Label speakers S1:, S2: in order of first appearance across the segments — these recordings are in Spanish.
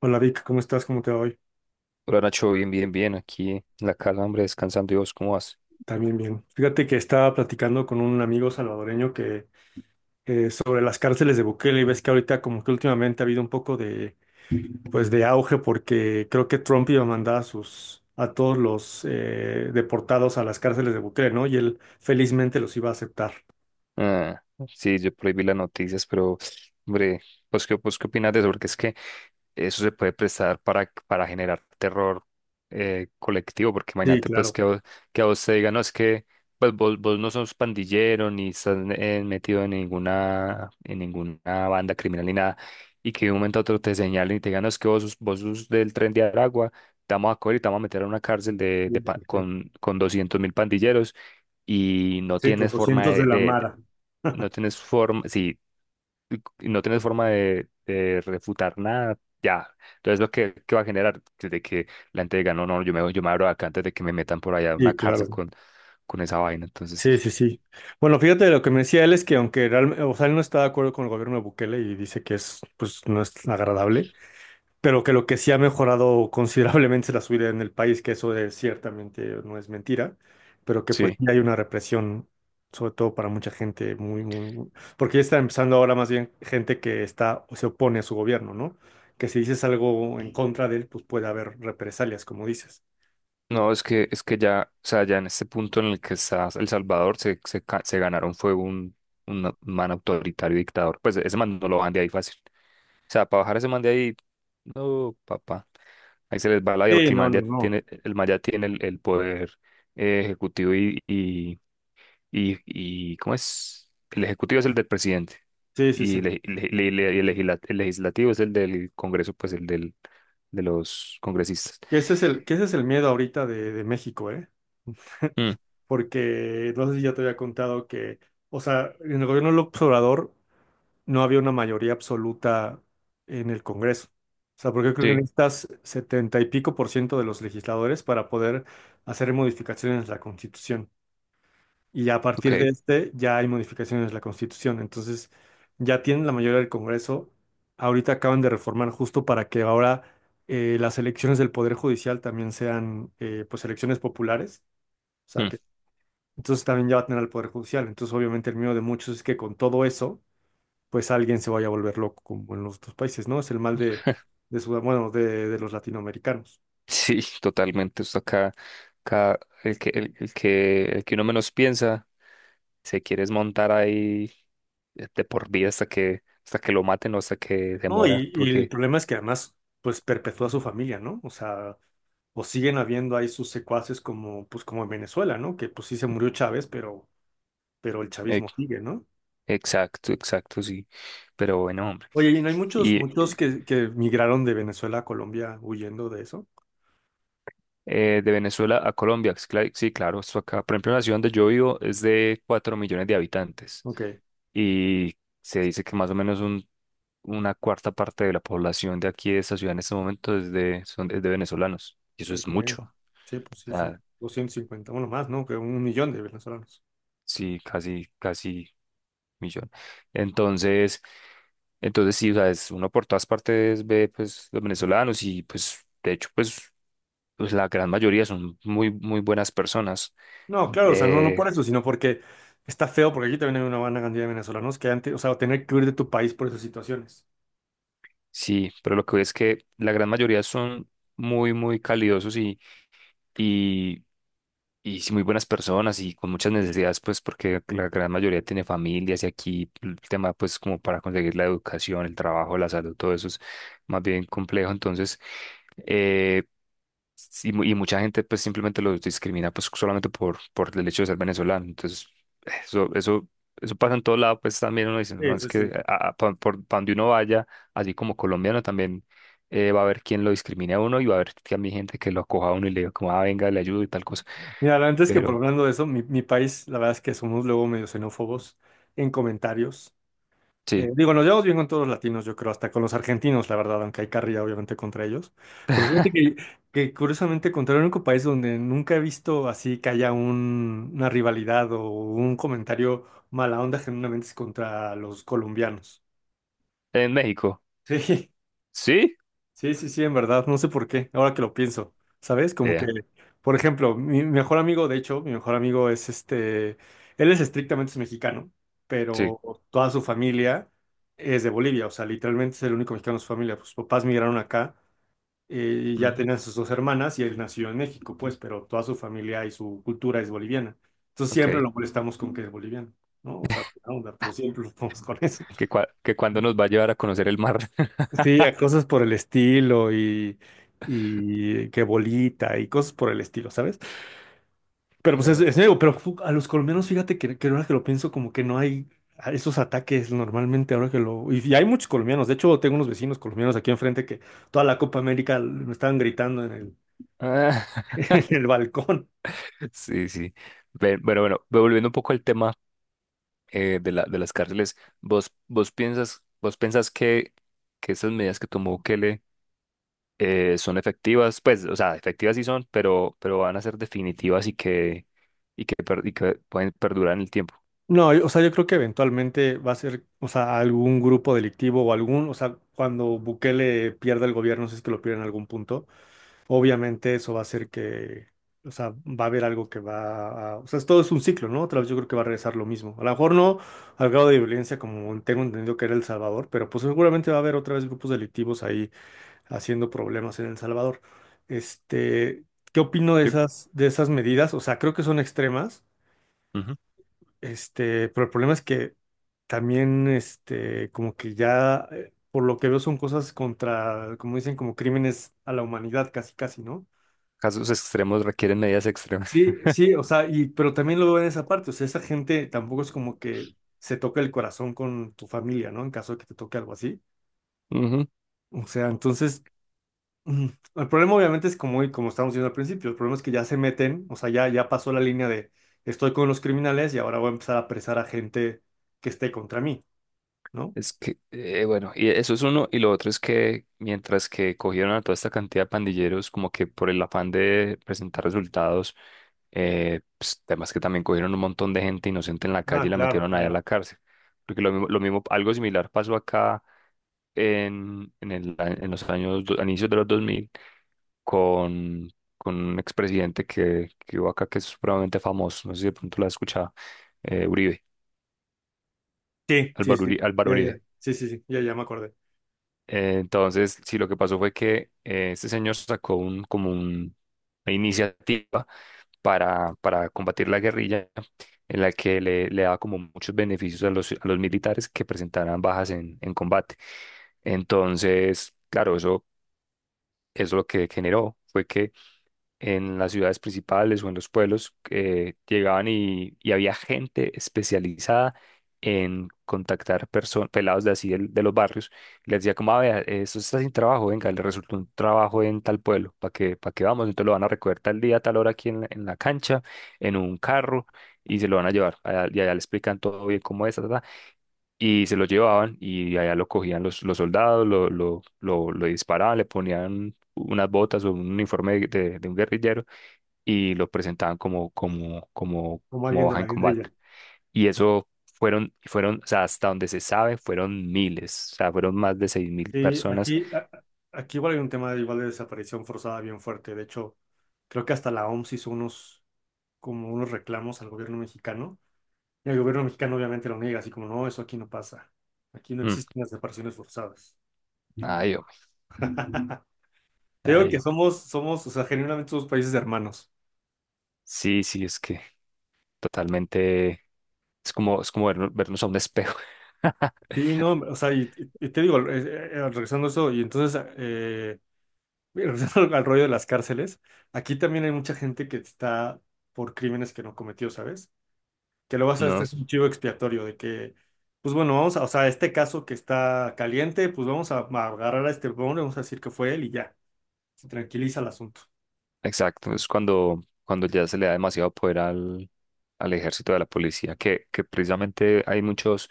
S1: Hola Vic, ¿cómo estás? ¿Cómo te va hoy?
S2: Hola Nacho, bien, bien, bien, aquí en la casa, hombre, descansando. Y vos, ¿cómo vas?
S1: También bien. Fíjate que estaba platicando con un amigo salvadoreño que sobre las cárceles de Bukele, y ves que ahorita como que últimamente ha habido un poco de pues de auge, porque creo que Trump iba a mandar a sus a todos los deportados a las cárceles de Bukele, ¿no? Y él felizmente los iba a aceptar.
S2: Ah, sí, yo prohibí las noticias, pero, hombre, ¿vos qué opinas de eso? Porque es que eso se puede prestar para generar terror colectivo, porque
S1: Sí,
S2: imagínate pues
S1: claro.
S2: que, que a vos te digan, no, es que pues vos no sos pandillero ni estás metido en ninguna banda criminal ni nada, y que de un momento a otro te señalen y te digan, no, es que vos sos del Tren de Aragua, te vamos a coger y te vamos a meter a una cárcel de,
S1: Sí,
S2: de
S1: sí,
S2: pa-
S1: sí.
S2: con, con 200.000 pandilleros, y no
S1: Sí, con
S2: tienes forma
S1: 200 de la Mara.
S2: no tienes forma, y no tienes forma de refutar nada, ya. Entonces, lo que va a generar desde que la gente diga, no, no, yo me abro de acá antes de que me metan por allá a una
S1: Sí,
S2: cárcel
S1: claro.
S2: con esa vaina. Entonces,
S1: Sí, sí, sí. Bueno, fíjate, lo que me decía él es que aunque realmente, o sea, él no está de acuerdo con el gobierno de Bukele y dice que es, pues, no es agradable, pero que lo que sí ha mejorado considerablemente es la subida en el país, que eso es, ciertamente no es mentira, pero que pues
S2: sí.
S1: sí hay una represión, sobre todo para mucha gente, muy, muy, muy- porque ya está empezando ahora más bien gente que está o se opone a su gobierno, ¿no? Que si dices algo en contra de él, pues puede haber represalias, como dices.
S2: No, es que ya, o sea, ya en este punto en el que está El Salvador, se ganaron fue un man autoritario dictador. Pues ese man no lo van de ahí fácil. O sea, para bajar ese man de ahí, no, papá. Ahí se les va la vida
S1: Sí,
S2: porque el
S1: no,
S2: man
S1: no,
S2: ya
S1: no.
S2: tiene, el man ya tiene el poder ejecutivo. Y ¿cómo es? El ejecutivo es el del presidente,
S1: Sí, sí, sí.
S2: y el legislativo es el del Congreso, pues el del, de los congresistas.
S1: Que ese es el miedo ahorita de México, ¿eh?
S2: Mm,
S1: Porque no sé si ya te había contado que, o sea, en el gobierno del Obrador no había una mayoría absoluta en el Congreso. O sea, porque creo que
S2: sí,
S1: necesitas 70 y pico por ciento de los legisladores para poder hacer modificaciones a la Constitución. Y ya a partir de
S2: ok.
S1: este ya hay modificaciones a la Constitución. Entonces, ya tienen la mayoría del Congreso. Ahorita acaban de reformar justo para que ahora las elecciones del Poder Judicial también sean pues elecciones populares. O sea
S2: Mm.
S1: que entonces también ya va a tener al Poder Judicial. Entonces, obviamente, el miedo de muchos es que con todo eso pues alguien se vaya a volver loco como en los otros países, ¿no? Es el mal de, bueno, de los latinoamericanos.
S2: Sí, totalmente. Esto acá, acá el que uno menos piensa, se quiere desmontar ahí de por vida hasta que lo maten o hasta que se
S1: No,
S2: muera,
S1: y el
S2: porque
S1: problema es que además, pues perpetúa su familia, ¿no? O sea, o siguen habiendo ahí sus secuaces como, pues como en Venezuela, ¿no? Que pues sí se murió Chávez, pero el
S2: eh,
S1: chavismo sigue, ¿no?
S2: exacto, exacto, sí. Pero bueno, hombre.
S1: Oye, y no hay muchos,
S2: Y
S1: muchos que migraron de Venezuela a Colombia huyendo de eso.
S2: de Venezuela a Colombia. Sí, claro, esto acá. Por ejemplo, la ciudad donde yo vivo es de 4 millones de habitantes
S1: Ok.
S2: y se dice que más o menos una cuarta parte de la población de aquí de esta ciudad en este momento es de venezolanos. Y eso es
S1: Ok.
S2: mucho. O
S1: Sí, pues sí, son
S2: sea,
S1: 250 bueno, más, ¿no? Que 1 millón de venezolanos.
S2: sí, casi, casi millón. Entonces, entonces, sí, o sea, es uno por todas partes ve pues los venezolanos. Y pues de hecho pues la gran mayoría son muy, muy buenas personas.
S1: No, claro, o sea, no, no
S2: Eh,
S1: por eso, sino porque está feo, porque aquí también hay una buena cantidad de venezolanos que antes, o sea, tener que huir de tu país por esas situaciones.
S2: Sí, pero lo que veo es que la gran mayoría son muy, muy calidosos y, y sí, muy buenas personas y con muchas necesidades, pues porque la gran mayoría tiene familias, y aquí el tema, pues como para conseguir la educación, el trabajo, la salud, todo eso es más bien complejo. Entonces, eh, y mucha gente pues simplemente los discrimina, pues solamente por el hecho de ser venezolano. Entonces, eso, eso, eso pasa en todo lado, pues también uno dice, no,
S1: Sí,
S2: es
S1: sí,
S2: que
S1: sí.
S2: pa' donde uno vaya, así como colombiano también va a haber quien lo discrimine a uno, y va a haber también gente que lo acoja a uno y le diga como, ah, venga, le ayudo y tal cosa.
S1: Mira, antes que por
S2: Pero,
S1: hablando de eso, mi país, la verdad es que somos luego medio xenófobos en comentarios.
S2: sí,
S1: Digo, nos llevamos bien con todos los latinos, yo creo, hasta con los argentinos, la verdad, aunque hay carrilla obviamente contra ellos. Pero fíjate que curiosamente, contra el único país donde nunca he visto así que haya una rivalidad o un comentario mala onda genuinamente es contra los colombianos.
S2: en México,
S1: Sí.
S2: sí,
S1: Sí, sí, sí, en verdad, no sé por qué, ahora que lo pienso, ¿sabes? Como que,
S2: vea,
S1: por ejemplo, mi mejor amigo, de hecho, mi mejor amigo es este, él es estrictamente mexicano,
S2: sí,
S1: pero toda su familia es de Bolivia, o sea, literalmente es el único mexicano de su familia, sus papás migraron acá eh, y ya
S2: ujú,
S1: tenían sus dos hermanas y él nació en México, pues, pero toda su familia y su cultura es boliviana. Entonces siempre
S2: ok,
S1: lo molestamos con que es boliviano, ¿no? O sea, buena onda, pero siempre lo ponemos con eso.
S2: que cuando nos va a llevar a conocer el mar.
S1: Sí, a cosas por el estilo y que bolita y cosas por el estilo, ¿sabes? Pero pues es nuevo, pero a los colombianos, fíjate que ahora que lo pienso, como que no hay esos ataques normalmente ahora que lo... Y, y hay muchos colombianos, de hecho tengo unos vecinos colombianos aquí enfrente que toda la Copa América me estaban gritando en el,
S2: Eh,
S1: en el balcón.
S2: Sí, sí. Bueno, bueno, volviendo un poco al tema de las cárceles, ¿vos pensás que esas medidas que tomó Bukele son efectivas? Pues, o sea, efectivas sí son, pero van a ser definitivas, y que pueden perdurar en el tiempo.
S1: No, o sea, yo creo que eventualmente va a ser, o sea, algún grupo delictivo o algún, o sea, cuando Bukele pierda el gobierno, si es que lo pierde en algún punto obviamente eso va a hacer que, o sea, va a haber algo que va a, o sea, todo es un ciclo, ¿no? Otra vez yo creo que va a regresar lo mismo. A lo mejor no al grado de violencia como tengo entendido que era El Salvador, pero pues seguramente va a haber otra vez grupos delictivos ahí haciendo problemas en El Salvador. Este, ¿qué opino
S2: Yo-
S1: de esas medidas? O sea, creo que son extremas,
S2: Ujú.
S1: este, pero el problema es que también, este, como que ya... Por lo que veo son cosas contra, como dicen, como crímenes a la humanidad, casi, casi, ¿no?
S2: Casos extremos requieren medidas extremas.
S1: Sí, sí, o sea, y, pero también lo veo en esa parte, o sea, esa gente tampoco es como que se toca el corazón con tu familia, ¿no? En caso de que te toque algo así. O sea, entonces, mm, el problema obviamente es como, como estábamos diciendo al principio, el problema es que ya se meten, o sea, ya, ya pasó la línea de estoy con los criminales y ahora voy a empezar a apresar a gente que esté contra mí, ¿no?
S2: Es que, bueno, y eso es uno. Y lo otro es que mientras que cogieron a toda esta cantidad de pandilleros, como que por el afán de presentar resultados, pues, además que también cogieron un montón de gente inocente en la calle
S1: Ah,
S2: y la
S1: claro,
S2: metieron allá a
S1: claro.
S2: la cárcel. Porque algo similar pasó acá en el, a- en los años, do- a inicios de los 2000 con, con un expresidente que hubo acá que es supremamente famoso, no sé si de pronto lo has escuchado, Uribe,
S1: Sí, sí,
S2: Álvaro
S1: sí,
S2: Uri- Álvaro
S1: ya, ya,
S2: Uribe.
S1: sí, sí, sí, ya, ya me acordé,
S2: Entonces, sí, lo que pasó fue que este señor sacó una iniciativa para combatir la guerrilla, en la que le daba como muchos beneficios a los militares que presentaran bajas en combate. Entonces, claro, eso lo que generó fue que en las ciudades principales o en los pueblos, llegaban, y había gente especializada en contactar personas, pelados de así de los barrios, y les decía como, a ver, esto está sin trabajo, venga, le resultó un trabajo en tal pueblo, para que vamos? Entonces lo van a recoger tal día, tal hora, aquí en la cancha, en un carro, y se lo van a llevar. Y allá le explican todo bien cómo es, ta, ta, ta, y se lo llevaban, y allá lo cogían los soldados, lo disparaban, le ponían unas botas o un uniforme de un guerrillero, y lo presentaban como, como, como,
S1: como
S2: como
S1: alguien de
S2: baja en
S1: la
S2: combate.
S1: guerrilla.
S2: Y eso o sea, hasta donde se sabe, fueron miles, o sea, fueron más de 6.000
S1: Sí,
S2: personas.
S1: aquí, aquí igual hay un tema de igual de desaparición forzada bien fuerte. De hecho, creo que hasta la OMS hizo unos, como unos reclamos al gobierno mexicano. Y el gobierno mexicano obviamente lo niega, así como, no, eso aquí no pasa. Aquí no
S2: Mm,
S1: existen las desapariciones forzadas.
S2: ay, hombre,
S1: Te digo
S2: ay,
S1: que
S2: hombre.
S1: somos, somos, o sea, genuinamente somos países de hermanos.
S2: Sí, sí, es que totalmente, es como, vernos a un espejo.
S1: Sí, no, o sea, y, y te digo, regresando a eso, y entonces, mira, regresando al rollo de las cárceles, aquí también hay mucha gente que está por crímenes que no cometió, ¿sabes? Que lo vas a,
S2: No,
S1: este es un chivo expiatorio de que, pues bueno, vamos a, o sea, este caso que está caliente, pues vamos a agarrar a este hombre, vamos a decir que fue él y ya, se tranquiliza el asunto.
S2: exacto, es cuando ya se le da demasiado poder al ejército, de la policía, que precisamente hay muchos,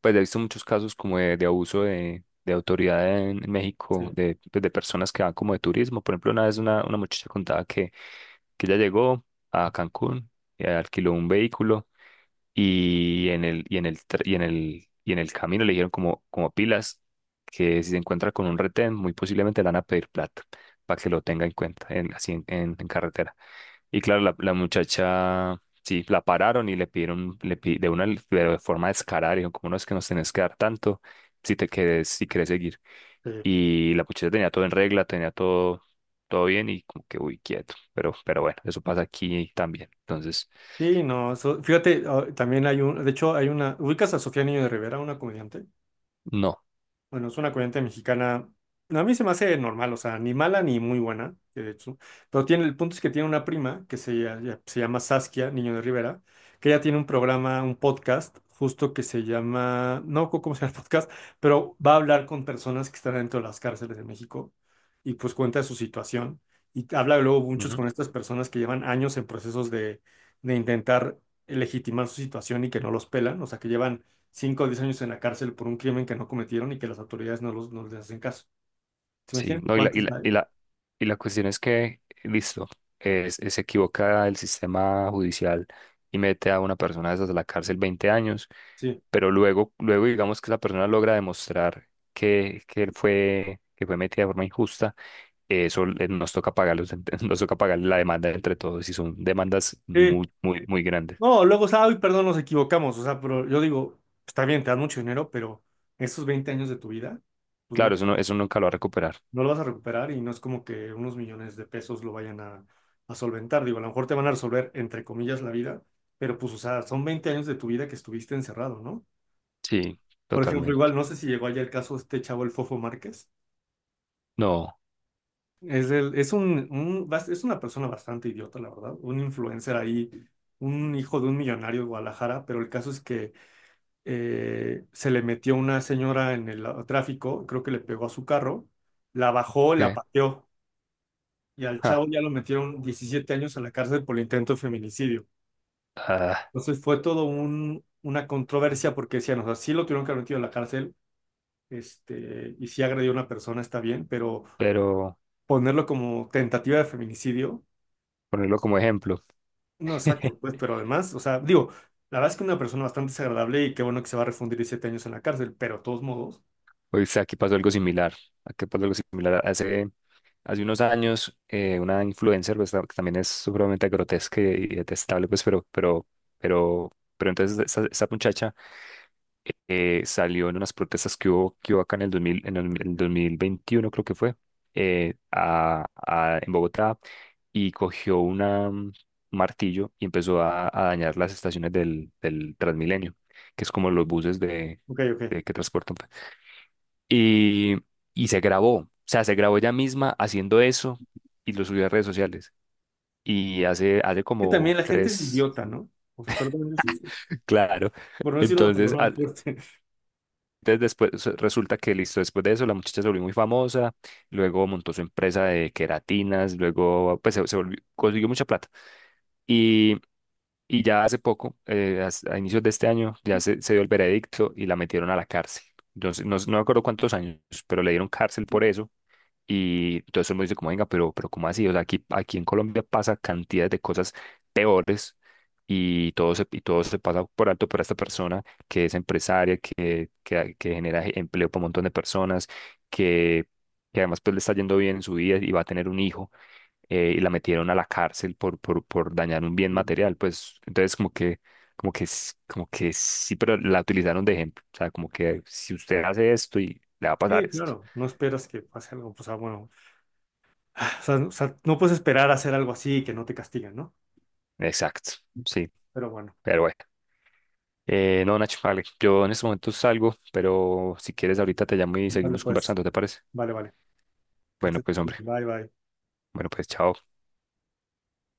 S2: pues he visto muchos casos como de abuso de autoridad en México,
S1: Sí,
S2: de, pues, de personas que van como de turismo. Por ejemplo, una vez una muchacha contaba que ella llegó a Cancún, alquiló un vehículo, y en el, en el camino le dijeron como, a pilas, que si se encuentra con un retén muy posiblemente le van a pedir plata, para que lo tenga en cuenta así en carretera. Y claro, la muchacha, sí, la pararon y le pidieron, le pi- de una de forma descarada le dijeron como, no es que nos tenés que dar tanto si te quedes, si querés seguir.
S1: sí.
S2: Y la muchacha tenía todo en regla, tenía todo, todo bien. Y como que, uy, quieto. Pero, bueno, eso pasa aquí también. Entonces,
S1: Sí, no, eso- fíjate, ah, también hay un, de hecho hay una, ¿ubicas a Sofía Niño de Rivera, una comediante?
S2: no.
S1: Bueno, es una corriente mexicana. A mí se me hace normal, o sea, ni mala ni muy buena, que de hecho. Pero tiene, el punto es que tiene una prima que se, se llama Saskia, Niño de Rivera, que ella tiene un programa, un podcast, justo que se llama, no me acuerdo cómo se llama el podcast, pero va a hablar con personas que están dentro de las cárceles de México y pues cuenta de su situación. Y habla luego muchos con estas personas que llevan años en procesos de intentar legitimar su situación y que no los pelan, o sea, que llevan 5 o 10 años en la cárcel por un crimen que no cometieron y que las autoridades no, los, no les hacen caso. ¿Se
S2: Sí,
S1: imagínate
S2: no, y la, y
S1: cuántos
S2: la, y
S1: hay?
S2: la, y la cuestión es que, listo, se equivoca el sistema judicial y mete a una persona de esas a la cárcel 20 años,
S1: Sí.
S2: pero luego digamos que la persona logra demostrar que fue metida de forma injusta. Eso nos toca pagar nos toca pagar la demanda entre todos, y son demandas
S1: Sí.
S2: muy, muy, muy grandes.
S1: No, luego, o sea, ay, perdón, nos equivocamos. O sea, pero yo digo, está bien, te dan mucho dinero, pero esos 20 años de tu vida, pues no,
S2: Claro, eso no, eso nunca lo va a recuperar.
S1: no lo vas a recuperar, y no es como que unos millones de pesos lo vayan a solventar. Digo, a lo mejor te van a resolver, entre comillas, la vida, pero pues, o sea, son 20 años de tu vida que estuviste encerrado, ¿no?
S2: Sí,
S1: Por ejemplo, igual,
S2: totalmente.
S1: no sé si llegó allá el caso de este chavo, el Fofo Márquez.
S2: No,
S1: Es, el, es, un- bas- es una persona bastante idiota, la verdad. Un influencer ahí, un hijo de un millonario de Guadalajara, pero el caso es que se le metió una señora en el tráfico, creo que le pegó a su carro, la bajó, la
S2: ¿qué?
S1: pateó y al
S2: Ja,
S1: chavo ya lo metieron 17 años a la cárcel por el intento de feminicidio.
S2: ah,
S1: Entonces fue todo un, una controversia porque decían, o sea, sí lo tuvieron que haber metido a la cárcel. Este, y sí agredió a una persona está bien, pero
S2: pero
S1: ponerlo como tentativa de feminicidio.
S2: ponerlo como ejemplo.
S1: No, exacto, pues, pero además, o sea, digo, la verdad es que una persona bastante desagradable y qué bueno que se va a refundir 7 años en la cárcel, pero de todos modos,
S2: Hoy sea, aquí pasó algo similar. Aquí pasó algo similar. Hace unos años, una influencer, pues, que también es supremamente grotesca y detestable, pues, pero, pero entonces esa muchacha salió en unas protestas que hubo acá en el 2000, en el, el 2021, creo que fue, en Bogotá, y cogió un martillo y empezó a dañar las estaciones del Transmilenio, que es como los buses
S1: ok, ok.
S2: de que transportan, y, y se grabó, o sea, se grabó ella misma haciendo eso, y lo subió a redes sociales. Y hace, hace
S1: Y también
S2: como
S1: la gente es
S2: tres,
S1: idiota, ¿no? O sea, perdón, yo sí,
S2: claro.
S1: por no decir una
S2: Entonces,
S1: palabra
S2: a-
S1: fuerte.
S2: entonces, después resulta que, listo, después de eso la muchacha se volvió muy famosa, luego montó su empresa de queratinas, luego pues consiguió mucha plata. Y, y ya hace poco, inicios de este año, ya se dio el veredicto y la metieron a la cárcel. Entonces, no, no me acuerdo cuántos años, pero le dieron cárcel por eso. Y entonces él me dice como, venga, pero, ¿cómo así? O sea, aquí, en Colombia pasa cantidades de cosas peores, y todo se pasa por alto por esta persona que es empresaria, que genera empleo para un montón de personas, que, que además pues le está yendo bien en su vida y va a tener un hijo, y la metieron a la cárcel por dañar un bien
S1: Sí,
S2: material. Pues entonces como que sí, pero la utilizaron de ejemplo. O sea, como que si usted hace esto y le va a pasar
S1: sí,
S2: esto.
S1: claro, no esperas que pase algo, o sea, bueno, o sea, o sea, no puedes esperar a hacer algo así y que no te castigan, ¿no?
S2: Exacto. Sí.
S1: Pero bueno,
S2: Pero bueno, no, Nacho, vale, yo en este momento salgo, pero si quieres ahorita te llamo y
S1: vale,
S2: seguimos
S1: pues,
S2: conversando, ¿te parece?
S1: vale, vale. Que
S2: Bueno,
S1: estés-
S2: pues hombre,
S1: Bye, bye.
S2: bueno, pues chao.